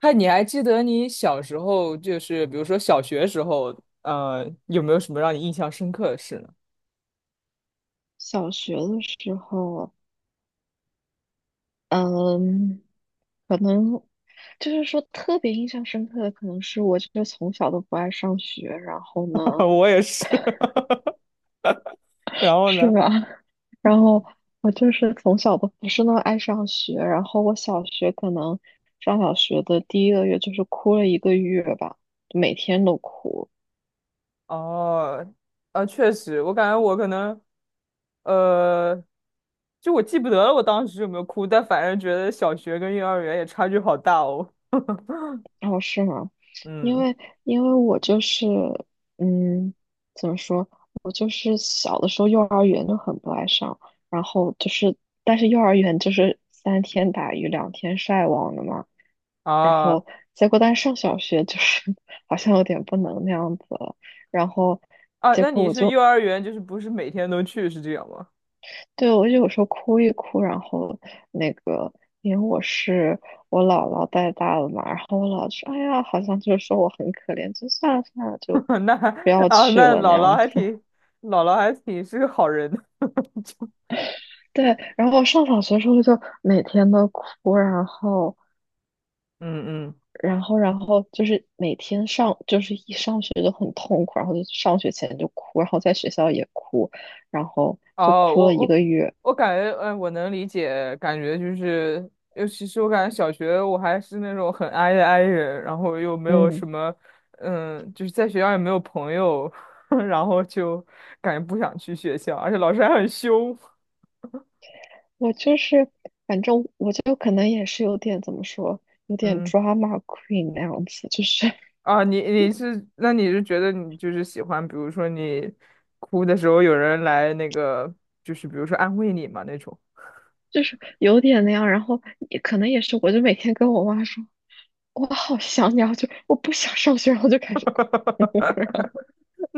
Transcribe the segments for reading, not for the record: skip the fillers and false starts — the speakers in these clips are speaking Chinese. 嗨，你还记得你小时候，就是比如说小学时候，有没有什么让你印象深刻的事呢？小学的时候，嗯，可能就是说特别印象深刻的，可能是我就是从小都不爱上学，然后 呢，我也是。然后是呢？吧？然后我就是从小都不是那么爱上学，然后我小学可能上小学的第一个月就是哭了一个月吧，每天都哭。哦，啊，确实，我感觉我可能，呃，就我记不得了，我当时有没有哭，但反正觉得小学跟幼儿园也差距好大哦。哦，是吗？因嗯，为因为我就是，嗯，怎么说？我就是小的时候幼儿园就很不爱上，然后就是，但是幼儿园就是三天打鱼两天晒网的嘛。然啊后结果，但是上小学就是 好像有点不能那样子了。然后啊，结那果你是幼儿园，就是不是每天都去，是这样吗？对，我就有时候哭一哭，然后那个，因为我是我姥姥带大的嘛，然后我姥姥说，哎呀，好像就是说我很可怜，就算了算了，就 那不要啊，去那了那姥姥样还子。挺，姥姥还挺是个好人的。对，然后我上小学的时候就每天都哭，然后嗯然后然后就是每天上就是一上学就很痛苦，然后就上学前就哭，然后在学校也哭，然后就哦，哭了我一我个月，我感觉，我能理解，感觉就是，尤其是我感觉小学我还是那种很 i 的 i 人，然后又没有什嗯。么，就是在学校也没有朋友，然后就感觉不想去学校，而且老师还很凶。我就是，反正我就可能也是有点怎么说，有点 嗯，drama queen 那样子，就是 啊，你你是，那你是觉得你就是喜欢，比如说你哭的时候有人来那个，就是比如说安慰你嘛那种。就是有点那样。然后也可能也是，我就每天跟我妈说，我好想你，啊，就我不想上学，然后就开始哭，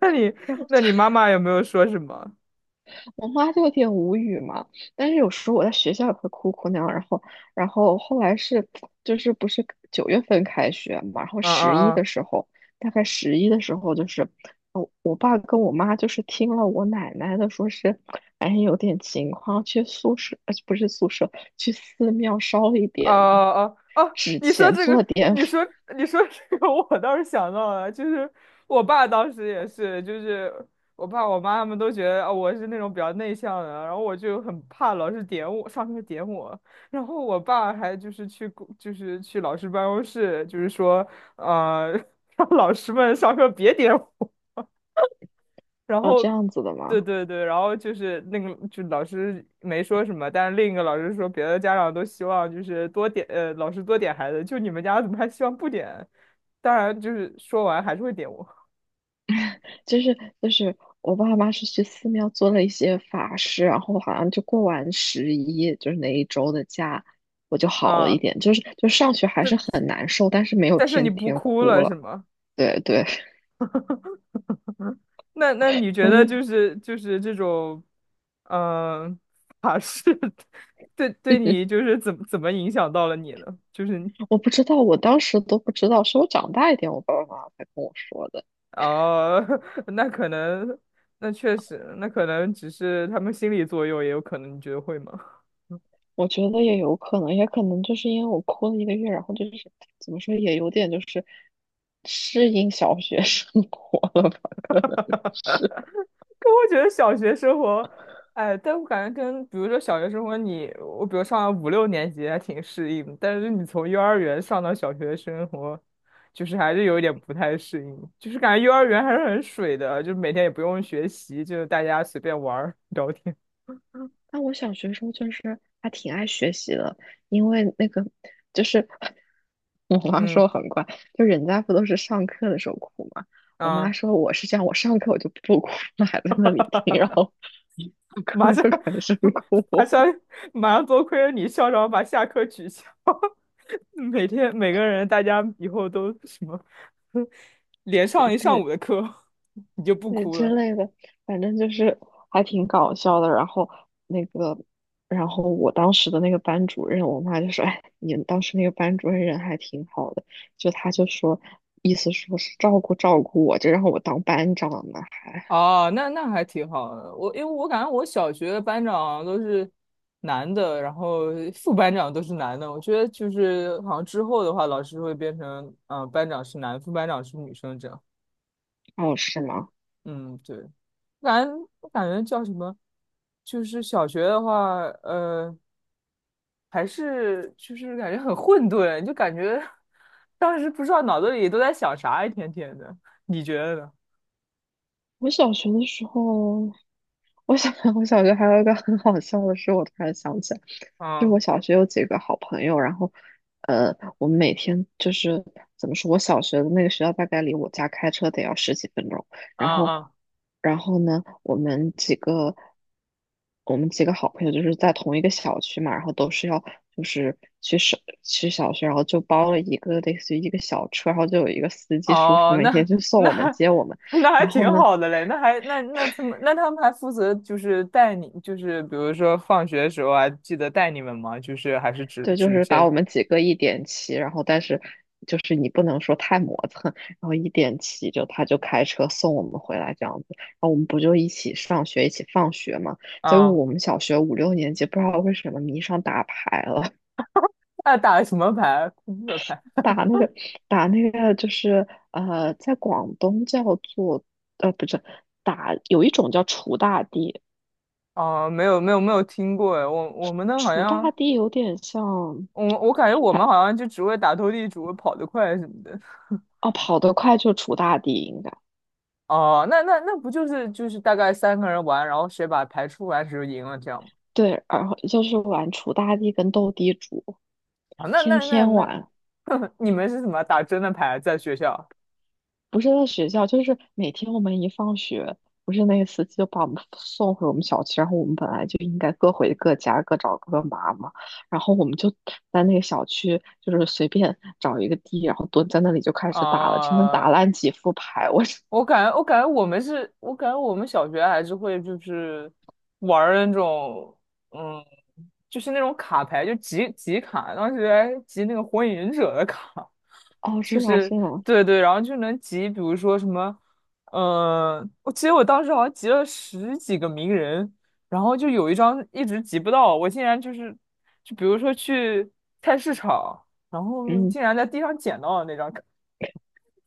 那你然后那就你妈妈有没有说什么？我妈就有点无语嘛，但是有时候我在学校也会哭哭那样，然后后来是，就是不是九月份开学嘛，然后嗯十一嗯的嗯。时候，大概十一的时候，就是我爸跟我妈就是听了我奶奶的，说是，哎，有点情况，去宿舍，不是宿舍，去寺庙烧一哦点哦哦，纸钱，做点 你说你说这个，我倒是想到了，就是我爸当时也是，就是我爸我妈他们都觉得啊我是那种比较内向的，然后我就很怕老师点我，上课点我，然后我爸还就是去老师办公室，就是说呃 让老师们上课别点我，然 哦，后，这样子的对嘛。对对，然后就是那个，就老师没说什么，但是另一个老师说，别的家长都希望就是多点，老师多点孩子，就你们家怎么还希望不点？当然，就是说完还是会点我就是我爸妈是去寺庙做了一些法事，然后好像就过完十一，就是那一周的假，我就好了一啊，点。就是就上学还是很难受，但是没有但是你天不天哭哭了是了。吗？对对，那你觉我得就 就是这种，嗯、法式 对对你就 是怎么影响到了你呢？就是我不知道，我当时都不知道，是我长大一点，我爸爸妈妈才跟我说的。哦，那可能，那确实，那可能只是他们心理作用，也有可能，你觉得会吗？我觉得也有可能，也可能就是因为我哭了一个月，然后就是怎么说，也有点就是适应小学生活了。 哈哈哈可我觉得小学生活，哎，但我感觉跟比如说小学生活你，我比如上了五六年级还挺适应，但是你从幼儿园上到小学生活，就是还是有一点不太适应，就是感觉幼儿园还是很水的，就每天也不用学习，就是大家随便玩儿聊天。但我小学时候就是还挺爱学习的，因为那个就是 我妈嗯说我很乖，就人家不都是上课的时候哭嘛，我妈啊。说我是这样，我上课我就不哭了，还在那里听，然后 一上马课上 就开始马上哭，马上多亏了你校长把下课取消，每天每个人大家以后都什么 连 上一上对，午的课，你就不对哭之了。类的，反正就是还挺搞笑的。然后那个，然后我当时的那个班主任，我妈就说："哎，你们当时那个班主任人还挺好的。"就她就说，意思说是照顾照顾我，就让我当班长呢，还哦，那还挺好的。因为我感觉我小学的班长都是男的，然后副班长都是男的。我觉得就是好像之后的话，老师会变成班长是男，副班长是女生这样。哦是吗？嗯，对。我感觉叫什么？就是小学的话，还是就是感觉很混沌，就感觉当时不知道脑子里都在想啥，一天天的。你觉得呢？我小学的时候。我小 我小学还有一个很好笑的事，我突然想起来，就我嗯小学有几个好朋友，然后，我们每天就是怎么说，我小学的那个学校大概离我家开车得要十几分钟，嗯然后，嗯，然后呢，我们几个好朋友就是在同一个小区嘛，然后都是要就是去小学，然后就包了一个类似于一个小车，然后就有一个司机叔叔哦，每天那就送那 我们 接我们，那还然后挺呢。好的嘞，那还那那他们那他们还负责就是带你，就是比如说放学的时候还记得带你们吗？就是还是只对，就只是把见我们几个一点齐，然后但是就是你不能说太磨蹭，然后一点齐就他就开车送我们回来这样子，然后我们不就一起上学一起放学嘛？结果啊，我们小学五六年级不知道为什么迷上打牌了，那打了什么牌？扑克牌？打那个打那个就是在广东叫做不是有一种叫锄大地，哦，没有没有没有听过哎，我们那好锄像大地有点像，我感觉我反们好像就只会打斗地主、跑得快什么的。哦跑得快就锄大地应该。哦，那不就是大概三个人玩，然后谁把牌出完谁就赢了这样吗？对，然后就是玩锄大地跟斗地主，啊，那天那那天那，玩，你们是怎么打真的牌在学校？不是在学校，就是每天我们一放学，不是那个司机就把我们送回我们小区，然后我们本来就应该各回各家，各找各妈嘛，然后我们就在那个小区，就是随便找一个地，然后蹲在那里就开始打了，真的打啊、烂几副牌，我 是，我感觉我们小学还是会就是玩儿那种，嗯，就是那种卡牌，就集集卡，当时还集那个火影忍者的卡，哦，就是吗？是是吗？对对，然后就能集，比如说什么，我记得我当时好像集了十几个鸣人，然后就有一张一直集不到，我竟然就是，就比如说去菜市场，然后嗯，竟然在地上捡到了那张卡，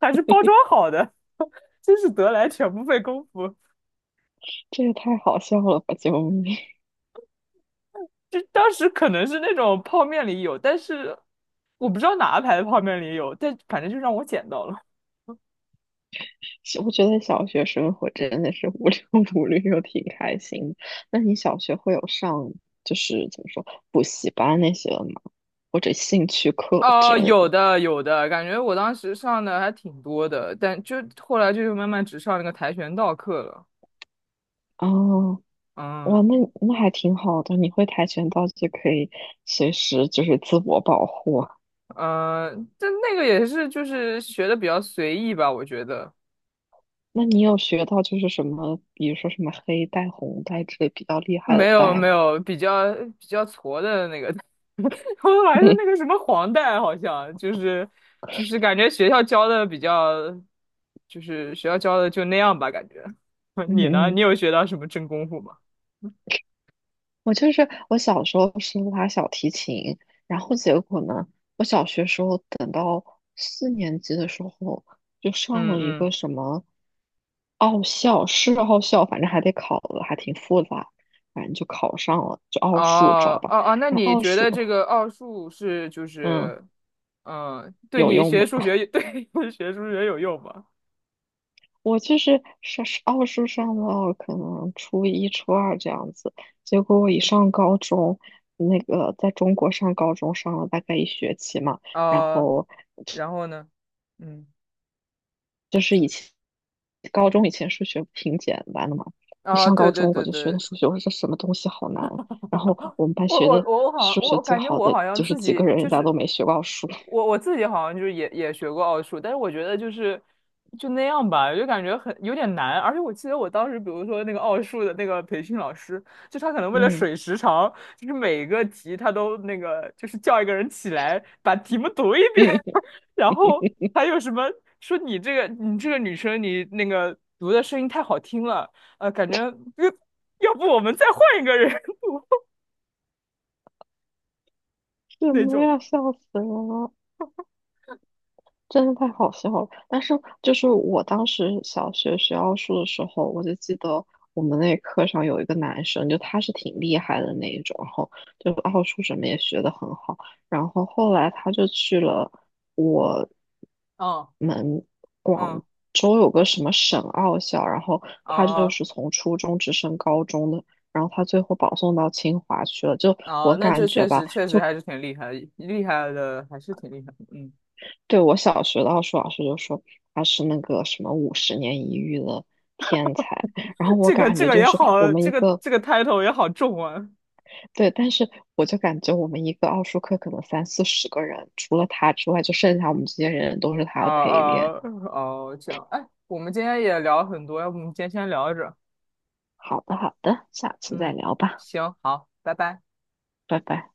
还是包装好的。真是得来全不费工夫。这也太好笑了吧！救命！就当时可能是那种泡面里有，但是我不知道哪个牌子泡面里有，但反正就让我捡到了。我觉得小学生活真的是无忧无虑又挺开心的。那你小学会有上就是怎么说补习班那些的吗？或者兴趣课之哦，类有的？的有的，感觉我当时上的还挺多的，但就后来就是慢慢只上那个跆拳道课了。哦，哇，嗯那那还挺好的。你会跆拳道就可以随时就是自我保护啊。嗯，但那个也是就是学的比较随意吧，我觉得。那你有学到就是什么，比如说什么黑带、红带之类比较厉害没的有带没吗？有，比较矬的那个，我还 是那嗯个什么黄带，好像就是感觉学校教的比较，就是学校教的就那样吧，感觉。你呢？嗯。你有学到什么真功夫吗？我就是我小时候是拉小提琴，然后结果呢，我小学时候等到四年级的时候，就上嗯了一个嗯，什么奥校，是奥校，反正还得考的，还挺复杂，反正就考上了，就奥数，知道哦吧？哦哦，那然后你奥觉数，得这个奥数是就嗯，是，嗯，对有你用学吗？数学 对学数学有用吗？我就是上奥数上到可能初一、初二这样子，结果我一上高中，那个在中国上高中上了大概一学期嘛。然啊、后然后呢？嗯，就高中以前数学挺简单的嘛，一啊、上对高对中我对就学的对，数学，我说这什么东西好难。然后我们班我学我的我我好像数我学我最感觉好我的好像就是自几个己人，就人家是都没学过数。我自己好像就是也学过奥数，但是我觉得就是就那样吧，就感觉很有点难。而且我记得我当时，比如说那个奥数的那个培训老师，就他可能为了嗯水时长，就是每一个题他都那个就是叫一个人起来把题目读一遍，嗯，然后还有什么说你这个女生你那个读的声音太好听了，感觉呃要不我们再换一个人 什那么种。呀，笑死人了。真的太好笑了。但是就是我当时小学学奥数的时候，我就记得我们那课上有一个男生，就他是挺厉害的那一种，然后就奥数什么也学得很好。然后后来他就去了我嗯们广嗯，州有个什么省奥校，然后他就哦是从初中直升高中的，然后他最后保送到清华去了。就哦，我那这感觉确吧。实确实还是挺厉害，厉害的还是挺厉害的。嗯，对，我小学的奥数老师就说他是那个什么五十年一遇的天才，然后我这个感这觉个就也是我好，们这一个个，这个 title 也好重啊。对，但是我就感觉我们一个奥数课可能三四十个人，除了他之外，就剩下我们这些人都是哦他的陪练。哦哦，这样。哎，我们今天也聊很多，要不我们今天先聊着。好的，好的，下次再嗯，聊吧，行，好，拜拜。拜拜。